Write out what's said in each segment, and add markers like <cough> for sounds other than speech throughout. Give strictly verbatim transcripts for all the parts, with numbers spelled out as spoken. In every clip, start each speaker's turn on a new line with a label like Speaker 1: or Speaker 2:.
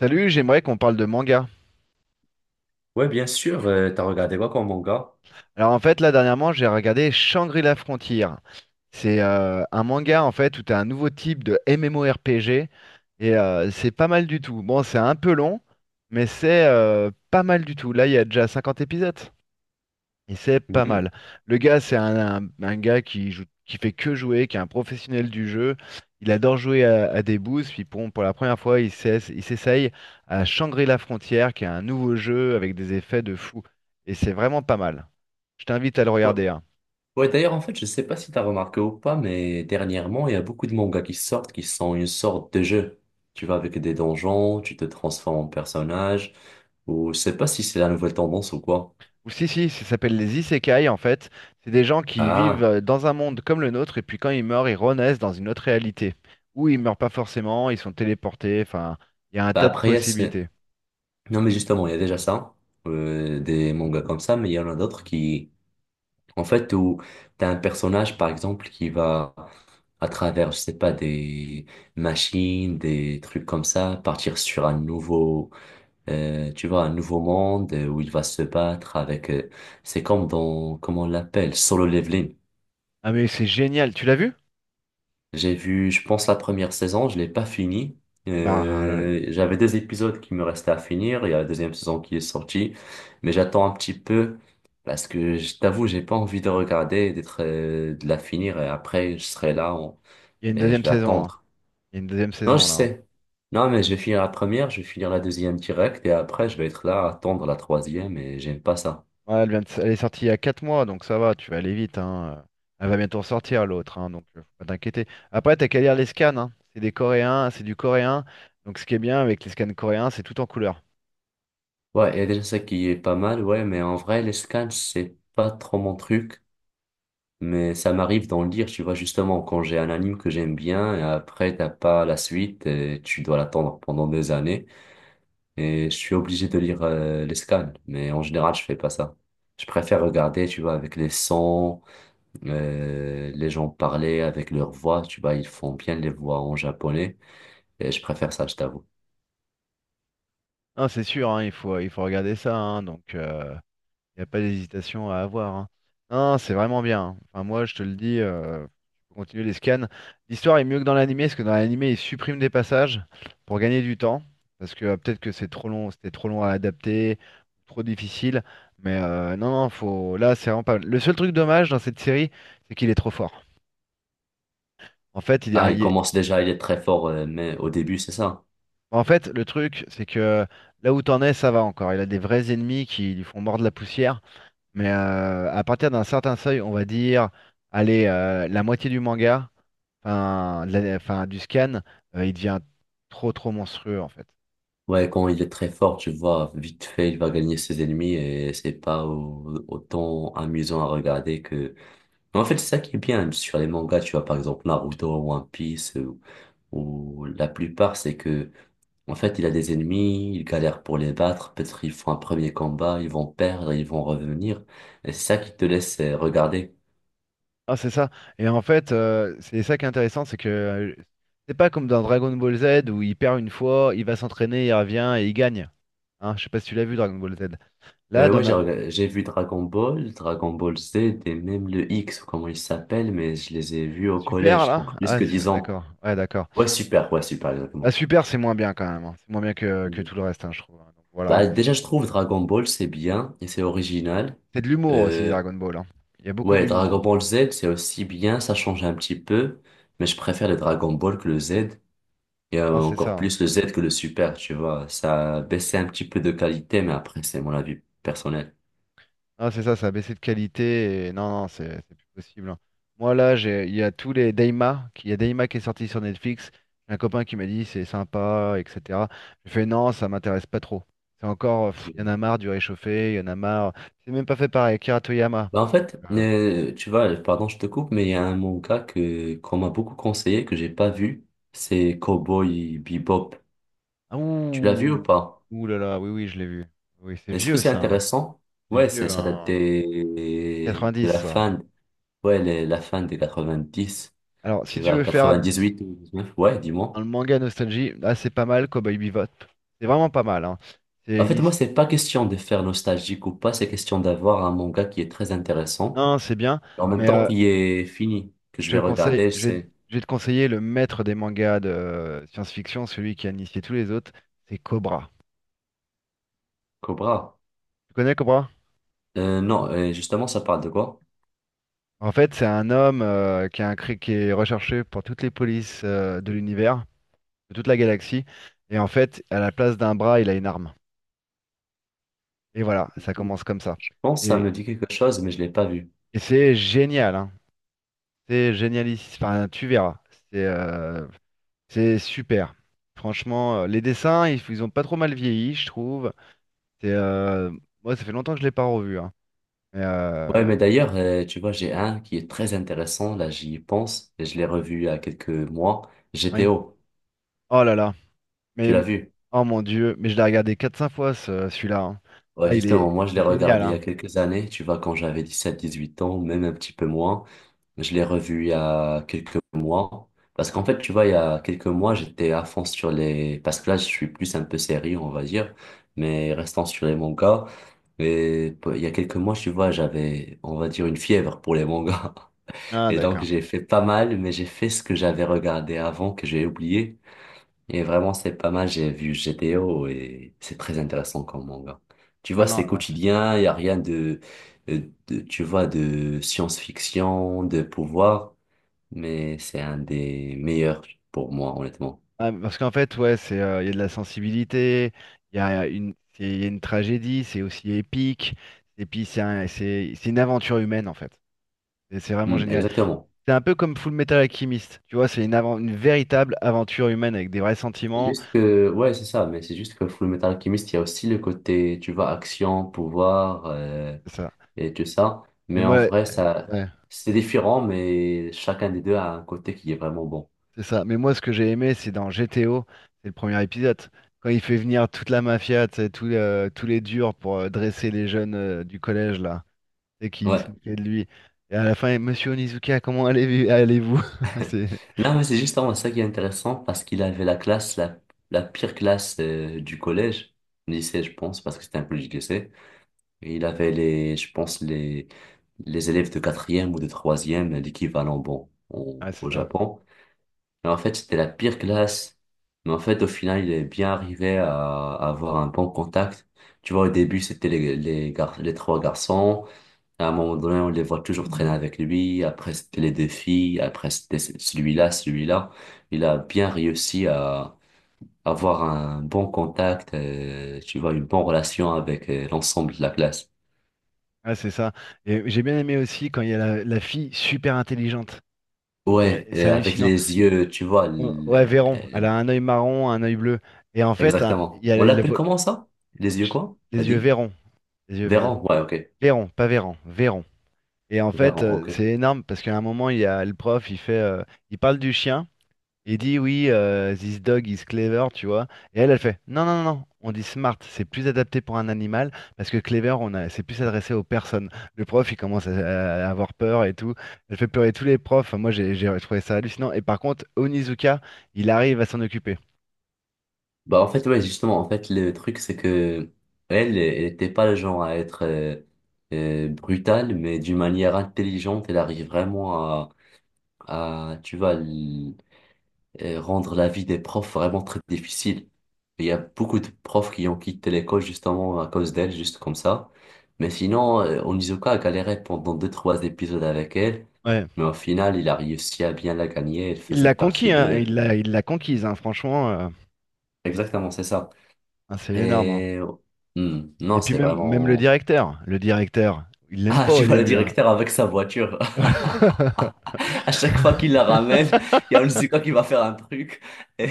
Speaker 1: Salut, j'aimerais qu'on parle de manga.
Speaker 2: Ouais, bien sûr, euh, t'as regardé quoi comme manga?
Speaker 1: Alors en fait, là dernièrement, j'ai regardé Shangri-La Frontier. C'est euh, un manga en fait où tu as un nouveau type de MMORPG et euh, c'est pas mal du tout. Bon, c'est un peu long, mais c'est euh, pas mal du tout. Là, il y a déjà cinquante épisodes. Et c'est pas
Speaker 2: Mhm.
Speaker 1: mal. Le gars, c'est un, un- un gars qui joue, qui fait que jouer, qui est un professionnel du jeu. Il adore jouer à, à des boosts. Puis pour, pour la première fois, il s'ess- il s'essaye à Shangri-La Frontière, qui est un nouveau jeu avec des effets de fou. Et c'est vraiment pas mal. Je t'invite à le
Speaker 2: Ouais,
Speaker 1: regarder, hein.
Speaker 2: ouais, d'ailleurs, en fait, je sais pas si t'as remarqué ou pas, mais dernièrement, il y a beaucoup de mangas qui sortent qui sont une sorte de jeu. Tu vas avec des donjons, tu te transformes en personnage, ou je sais pas si c'est la nouvelle tendance ou quoi.
Speaker 1: Ou si, si, ça s'appelle les isekai en fait. C'est des gens qui vivent
Speaker 2: Ah,
Speaker 1: euh, dans un monde comme le nôtre, et puis quand ils meurent, ils renaissent dans une autre réalité. Ou ils meurent pas forcément, ils sont téléportés. Enfin, il y a un
Speaker 2: bah
Speaker 1: tas de
Speaker 2: après, il y a ce-
Speaker 1: possibilités.
Speaker 2: Non, mais justement, il y a déjà ça, euh, des mangas comme ça, mais il y en a d'autres qui En fait, où t'as un personnage, par exemple, qui va, à travers, je sais pas, des machines, des trucs comme ça, partir sur un nouveau, euh, tu vois, un nouveau monde euh, où il va se battre avec, euh, c'est comme dans, comment on l'appelle, solo leveling.
Speaker 1: Ah, mais c'est génial. Tu l'as vu?
Speaker 2: J'ai vu, je pense, la première saison, je l'ai pas finie.
Speaker 1: Bah, ah,
Speaker 2: Euh, j'avais des épisodes qui me restaient à finir. Il y a la deuxième saison qui est sortie. Mais j'attends un petit peu parce que je t'avoue, j'ai pas envie de regarder, et d'être, euh, de la finir et après, je serai là en-
Speaker 1: il y a une
Speaker 2: et je
Speaker 1: deuxième
Speaker 2: vais
Speaker 1: saison, hein.
Speaker 2: attendre.
Speaker 1: Il y a une deuxième
Speaker 2: Non, je
Speaker 1: saison là, hein.
Speaker 2: sais. Non, mais je vais finir la première, je vais finir la deuxième direct et après, je vais être là à attendre la troisième et j'aime pas ça.
Speaker 1: Ouais, elle vient de s- elle est sortie il y a quatre mois, donc ça va, tu vas aller vite, hein. Elle va bientôt sortir l'autre, hein, donc euh, faut pas t'inquiéter. Après, t'as qu'à lire les scans, hein. C'est des Coréens, c'est du coréen. Donc ce qui est bien avec les scans coréens, c'est tout en couleur.
Speaker 2: Ouais, il y a déjà ça qui est pas mal, ouais, mais en vrai, les scans, c'est pas trop mon truc. Mais ça m'arrive d'en lire, tu vois, justement, quand j'ai un anime que j'aime bien, et après, t'as pas la suite, et tu dois l'attendre pendant des années, et je suis obligé de lire euh, les scans, mais en général, je fais pas ça. Je préfère regarder, tu vois, avec les sons, euh, les gens parler avec leur voix, tu vois, ils font bien les voix en japonais, et je préfère ça, je t'avoue.
Speaker 1: Non, c'est sûr, hein, il faut, il faut regarder ça, hein, donc euh, il n'y a pas d'hésitation à avoir, hein. Non, c'est vraiment bien, hein. Enfin, moi, je te le dis, euh, tu peux continuer les scans. L'histoire est mieux que dans l'animé, parce que dans l'animé, ils suppriment des passages pour gagner du temps. Parce que euh, peut-être que c'est trop long, c'était trop long à adapter, trop difficile. Mais euh, non, non, faut... là, c'est vraiment pas mal. Le seul truc dommage dans cette série, c'est qu'il est trop fort. En fait, il est un-
Speaker 2: Ah, il
Speaker 1: il est-
Speaker 2: commence déjà, il est très fort, euh, mais au début, c'est ça?
Speaker 1: en fait, le truc, c'est que là où t'en es, ça va encore. Il a des vrais ennemis qui lui font mordre la poussière. Mais euh, à partir d'un certain seuil, on va dire, allez, euh, la moitié du manga, enfin, de la- enfin, du scan, euh, il devient trop trop monstrueux en fait.
Speaker 2: Ouais,
Speaker 1: Il-
Speaker 2: quand il est très fort, tu vois, vite fait, il va gagner ses ennemis et c'est pas au- autant amusant à regarder que... Mais en fait, c'est ça qui est bien sur les mangas, tu vois, par exemple Naruto, One Piece, euh, ou la plupart, c'est que, en fait, il a des ennemis, il galère pour les battre, peut-être ils font un premier combat, ils vont perdre, ils vont revenir, et c'est ça qui te laisse euh, regarder.
Speaker 1: Ah, c'est ça. Et en fait, euh, c'est ça qui est intéressant, c'est que euh, c'est pas comme dans Dragon Ball Z où il perd une fois, il va s'entraîner, il revient et il gagne. Hein, je sais pas si tu l'as vu Dragon Ball Z. Là,
Speaker 2: Euh,
Speaker 1: dans
Speaker 2: ouais, j'ai
Speaker 1: na-
Speaker 2: rega- j'ai vu Dragon Ball, Dragon Ball Z et même le X, ou comment il s'appelle, mais je les ai vus au
Speaker 1: Super,
Speaker 2: collège,
Speaker 1: là?
Speaker 2: donc plus
Speaker 1: Ah,
Speaker 2: que dix
Speaker 1: c'est-
Speaker 2: ans.
Speaker 1: d'accord. Ouais, d'accord.
Speaker 2: Ouais, super, ouais, super,
Speaker 1: Ah,
Speaker 2: exactement.
Speaker 1: Super, c'est moins bien quand même, hein. C'est moins bien que, que
Speaker 2: Mm.
Speaker 1: tout le reste, hein, je trouve, hein. Donc, voilà.
Speaker 2: Bah, déjà, je trouve Dragon Ball, c'est bien et c'est original.
Speaker 1: C'est de l'humour aussi,
Speaker 2: Euh,
Speaker 1: Dragon Ball, hein. Il y a beaucoup
Speaker 2: ouais,
Speaker 1: d'humour,
Speaker 2: Dragon
Speaker 1: hein.
Speaker 2: Ball Z, c'est aussi bien, ça change un petit peu, mais je préfère le Dragon Ball que le Z, et euh,
Speaker 1: Ah, c'est ça,
Speaker 2: encore
Speaker 1: hein.
Speaker 2: plus le Z que le Super, tu vois. Ça a baissé un petit peu de qualité, mais après, c'est mon avis personnel.
Speaker 1: Ah, c'est ça, ça a baissé de qualité. Et... Non, non, c'est c'est plus possible, hein. Moi, là, j'ai, il y a tous les Daima qui- il y a Daima qui est sorti sur Netflix. J'ai un copain qui m'a dit c'est sympa, et cetera. J'ai fait non, ça m'intéresse pas trop. C'est encore, pff, il y en
Speaker 2: Mm.
Speaker 1: a marre du réchauffé, il y en a marre. C'est même pas fait par Akira Toriyama.
Speaker 2: Bah, en
Speaker 1: Donc,
Speaker 2: fait,
Speaker 1: euh,
Speaker 2: euh, tu vois, pardon, je te coupe, mais il y a un manga que, qu'on m'a beaucoup conseillé, que j'ai pas vu, c'est Cowboy Bebop.
Speaker 1: ah,
Speaker 2: Tu l'as vu ou
Speaker 1: ouh,
Speaker 2: pas?
Speaker 1: ouh là là, oui, oui, je l'ai vu. Oui, c'est
Speaker 2: Est-ce que
Speaker 1: vieux
Speaker 2: c'est
Speaker 1: ça, hein.
Speaker 2: intéressant?
Speaker 1: C'est
Speaker 2: Ouais, c'est,
Speaker 1: vieux,
Speaker 2: ça date
Speaker 1: hein.
Speaker 2: des- de
Speaker 1: quatre-vingt-dix,
Speaker 2: la
Speaker 1: ça.
Speaker 2: fin, ouais, les- la fin des quatre-vingt-dix.
Speaker 1: Alors, si
Speaker 2: Tu
Speaker 1: tu
Speaker 2: vas
Speaker 1: veux faire
Speaker 2: à huit ou neuf. Ouais,
Speaker 1: Dans
Speaker 2: dis-moi.
Speaker 1: le manga Nostalgie, là c'est pas mal, Cowboy Bebop. C'est vraiment pas mal, hein. C'est
Speaker 2: En
Speaker 1: une
Speaker 2: fait, moi,
Speaker 1: his-
Speaker 2: c'est pas question de faire nostalgique ou pas, c'est question d'avoir un manga qui est très intéressant.
Speaker 1: Non, c'est bien,
Speaker 2: En même
Speaker 1: mais
Speaker 2: temps,
Speaker 1: euh,
Speaker 2: qui est fini, que
Speaker 1: je
Speaker 2: je
Speaker 1: te
Speaker 2: vais
Speaker 1: conseille,
Speaker 2: regarder,
Speaker 1: je vais,
Speaker 2: c'est
Speaker 1: je vais te conseiller le maître des mangas de euh, science-fiction, celui qui a initié tous les autres, c'est Cobra.
Speaker 2: Cobra.
Speaker 1: Tu connais Cobra?
Speaker 2: Euh, non, euh, justement, ça parle de quoi?
Speaker 1: En fait, c'est un homme euh, qui, a un, cri- qui est recherché par toutes les polices euh, de l'univers, de toute la galaxie, et en fait, à la place d'un bras, il a une arme. Et voilà, ça commence comme ça.
Speaker 2: Je pense que ça
Speaker 1: Et,
Speaker 2: me dit quelque chose, mais je l'ai pas vu.
Speaker 1: et c'est génial, hein. C'est génialiste. Enfin, tu verras. C'est euh, C'est super. Franchement, euh, les dessins, ils, ils ont pas trop mal vieilli, je trouve. C'est, euh, moi, ça fait longtemps que je l'ai pas revu, hein. Mais,
Speaker 2: Ouais,
Speaker 1: euh,
Speaker 2: mais d'ailleurs, euh, tu vois, j'ai un qui est très intéressant, là, j'y pense, et je l'ai revu il y a quelques mois,
Speaker 1: oui.
Speaker 2: G T O.
Speaker 1: Oh là là.
Speaker 2: Tu
Speaker 1: Mais
Speaker 2: l'as vu?
Speaker 1: oh mon Dieu. Mais je l'ai regardé quatre cinq fois ce- celui-là, hein.
Speaker 2: Ouais,
Speaker 1: Ah, il est,
Speaker 2: justement, moi je l'ai
Speaker 1: c'est génial,
Speaker 2: regardé il y
Speaker 1: hein.
Speaker 2: a quelques années, tu vois, quand j'avais dix sept dix huit ans, même un petit peu moins. Je l'ai revu il y a quelques mois. Parce qu'en fait, tu vois, il y a quelques mois, j'étais à fond sur les... Parce que là, je suis plus un peu sérieux, on va dire, mais restant sur les mangas. Et p- il y a quelques mois, tu vois, j'avais, on va dire, une fièvre pour les mangas. <laughs>
Speaker 1: Ah,
Speaker 2: Et donc,
Speaker 1: d'accord.
Speaker 2: j'ai fait pas mal, mais j'ai fait ce que j'avais regardé avant, que j'ai oublié. Et vraiment, c'est pas mal. J'ai vu G T O et c'est très intéressant comme manga. Tu
Speaker 1: Ah,
Speaker 2: vois,
Speaker 1: non,
Speaker 2: c'est
Speaker 1: non, c'est-
Speaker 2: quotidien, il n'y a rien de, de- de- tu vois, de science-fiction, de pouvoir, mais c'est un des meilleurs pour moi, honnêtement.
Speaker 1: ah, parce qu'en fait, ouais, c'est, euh, il y a de la sensibilité. Il y a une, c'est- il y a une tragédie. C'est aussi épique. Et puis c'est un- c'est, c'est une aventure humaine en fait. Et c'est vraiment
Speaker 2: Hmm,
Speaker 1: génial.
Speaker 2: exactement.
Speaker 1: C'est un peu comme Full Metal Alchemist, tu vois, c'est une, avan- une véritable aventure humaine avec des vrais
Speaker 2: C'est
Speaker 1: sentiments,
Speaker 2: juste que, ouais, c'est ça, mais c'est juste que Fullmetal Alchemist, il y a aussi le côté, tu vois, action, pouvoir euh,
Speaker 1: c'est ça.
Speaker 2: et tout ça.
Speaker 1: Mais
Speaker 2: Mais en
Speaker 1: moi,
Speaker 2: vrai,
Speaker 1: euh,
Speaker 2: ça,
Speaker 1: ouais,
Speaker 2: c'est différent, mais chacun des deux a un côté qui est vraiment bon.
Speaker 1: c'est ça. Mais moi, ce que j'ai aimé, c'est dans G T O, c'est le premier épisode, quand il fait venir toute la mafia, tu sais, tous euh, tous les durs pour euh, dresser les jeunes euh, du collège là, et qui se
Speaker 2: Ouais.
Speaker 1: moquaient de lui. Et à la fin, Monsieur Onizuka, comment allez- allez-vous? <laughs> C'est,
Speaker 2: Non, mais c'est justement ça qui est intéressant parce qu'il avait la classe, la, la pire classe euh, du collège, lycée, je pense, parce que c'était un peu du lycée. Et il avait les, je pense, les, les élèves de quatrième ou de troisième, l'équivalent bon au,
Speaker 1: ouais, c'est
Speaker 2: au
Speaker 1: ça.
Speaker 2: Japon. Mais en fait, c'était la pire classe. Mais en fait, au final, il est bien arrivé à, à avoir un bon contact. Tu vois, au début, c'était les, les, gar- les trois garçons. À un moment donné, on les voit toujours traîner avec lui. Après, c'était les défis. Après, c'était celui-là, celui-là. Il a bien réussi à avoir un bon contact, euh, tu vois, une bonne relation avec euh, l'ensemble de la classe.
Speaker 1: Ouais, c'est ça. Et j'ai bien aimé aussi quand il y a la, la fille super intelligente. C'est
Speaker 2: Ouais, et
Speaker 1: c'est
Speaker 2: avec
Speaker 1: hallucinant.
Speaker 2: les yeux, tu vois.
Speaker 1: Ouais, ouais,
Speaker 2: l-
Speaker 1: Véron. Elle
Speaker 2: euh,
Speaker 1: a un œil marron, un œil bleu. Et en fait, hein, il
Speaker 2: Exactement.
Speaker 1: y a
Speaker 2: On
Speaker 1: les, les
Speaker 2: l'appelle comment ça? Les yeux quoi? T'as
Speaker 1: les yeux
Speaker 2: dit?
Speaker 1: Véron. Les yeux Véron.
Speaker 2: Véran, ouais, ok.
Speaker 1: Véron, pas Véran, Véron. Et en fait,
Speaker 2: Véran,
Speaker 1: euh,
Speaker 2: ok.
Speaker 1: c'est énorme parce qu'à un moment, il y a le prof, il fait, euh, il parle du chien. Il dit oui, euh, this dog is clever, tu vois. Et elle, elle fait non, non, non, non. On dit smart, c'est plus adapté pour un animal parce que clever, on a, c'est plus adressé aux personnes. Le prof, il commence à, à avoir peur et tout. Elle fait pleurer tous les profs. Enfin, moi, j'ai j'ai trouvé ça hallucinant. Et par contre, Onizuka, il arrive à s'en occuper.
Speaker 2: Bah en fait, ouais, justement, en fait, le truc c'est que elle elle était pas le genre à être euh, euh, brutale, mais d'une manière intelligente elle arrive vraiment à à tu vois, l- euh, rendre la vie des profs vraiment très difficile. Il y a beaucoup de profs qui ont quitté l'école justement à cause d'elle juste comme ça. Mais sinon, euh, Onizuka a galéré pendant deux trois épisodes avec elle,
Speaker 1: Ouais.
Speaker 2: mais au final il a réussi à bien la gagner. Elle
Speaker 1: Il
Speaker 2: faisait
Speaker 1: l'a conquis,
Speaker 2: partie
Speaker 1: hein,
Speaker 2: de...
Speaker 1: il l'a, il l'a conquise, hein, franchement, euh,
Speaker 2: Exactement, c'est ça.
Speaker 1: ah, c'est énorme, hein.
Speaker 2: Et hmm,
Speaker 1: Et
Speaker 2: non,
Speaker 1: puis
Speaker 2: c'est
Speaker 1: même, même le
Speaker 2: vraiment... <laughs>
Speaker 1: directeur, le directeur, il l'aime
Speaker 2: Ah,
Speaker 1: pas au
Speaker 2: tu vois le
Speaker 1: début, hein.
Speaker 2: directeur avec sa voiture. <laughs>
Speaker 1: <laughs>
Speaker 2: À chaque fois qu'il la ramène, il y a Onizuka qui va faire un truc. Et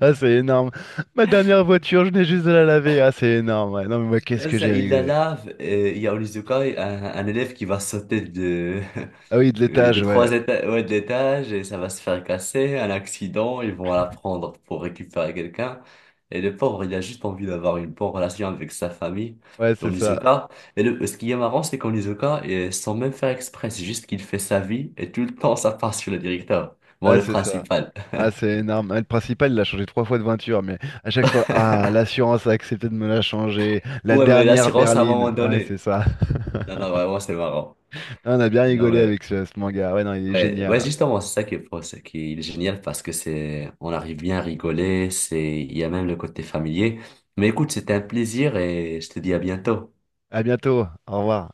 Speaker 1: Ah, c'est énorme. Ma dernière voiture, je n'ai juste de la laver. Ah, c'est énorme, ouais. Non, mais moi,
Speaker 2: <laughs>
Speaker 1: qu'est-ce
Speaker 2: là,
Speaker 1: que
Speaker 2: ça,
Speaker 1: j'ai
Speaker 2: il la
Speaker 1: rigolé.
Speaker 2: lave et il y a Onizuka, un, un élève qui va sauter de... <laughs>
Speaker 1: Ah oui, de
Speaker 2: Euh, Des
Speaker 1: l'étage, ouais.
Speaker 2: trois étages, ouais, de l'étage, et ça va se faire casser, un accident, ils vont la prendre pour récupérer quelqu'un. Et le pauvre, il a juste envie d'avoir une bonne relation avec sa famille,
Speaker 1: Ouais, c'est
Speaker 2: en
Speaker 1: ça.
Speaker 2: Isoka. Et le, ce qui est marrant, c'est qu'en Isoka, et sans même faire exprès, c'est juste qu'il fait sa vie, et tout le temps, ça part sur le directeur. Bon,
Speaker 1: Ouais,
Speaker 2: le
Speaker 1: c'est ça.
Speaker 2: principal. <laughs>
Speaker 1: Ah, c'est énorme. Ah, le principal, il a changé trois fois de voiture, mais à chaque fois, ah, l'assurance a accepté de me la changer. La
Speaker 2: Ouais, mais
Speaker 1: dernière
Speaker 2: l'assurance à un moment
Speaker 1: berline. Ouais, c'est
Speaker 2: donné.
Speaker 1: ça.
Speaker 2: Non, non,
Speaker 1: <laughs>
Speaker 2: vraiment, c'est marrant.
Speaker 1: Ah, on a bien
Speaker 2: Non,
Speaker 1: rigolé
Speaker 2: mais.
Speaker 1: avec ce, ce manga. Ouais, non, il est
Speaker 2: Ouais,
Speaker 1: génial,
Speaker 2: ouais,
Speaker 1: hein.
Speaker 2: justement, c'est ça qui est, pro- c'est qui est génial parce que c'est, on arrive bien à rigoler, c'est, il y a même le côté familier. Mais écoute, c'était un plaisir et je te dis à bientôt.
Speaker 1: À bientôt. Au revoir.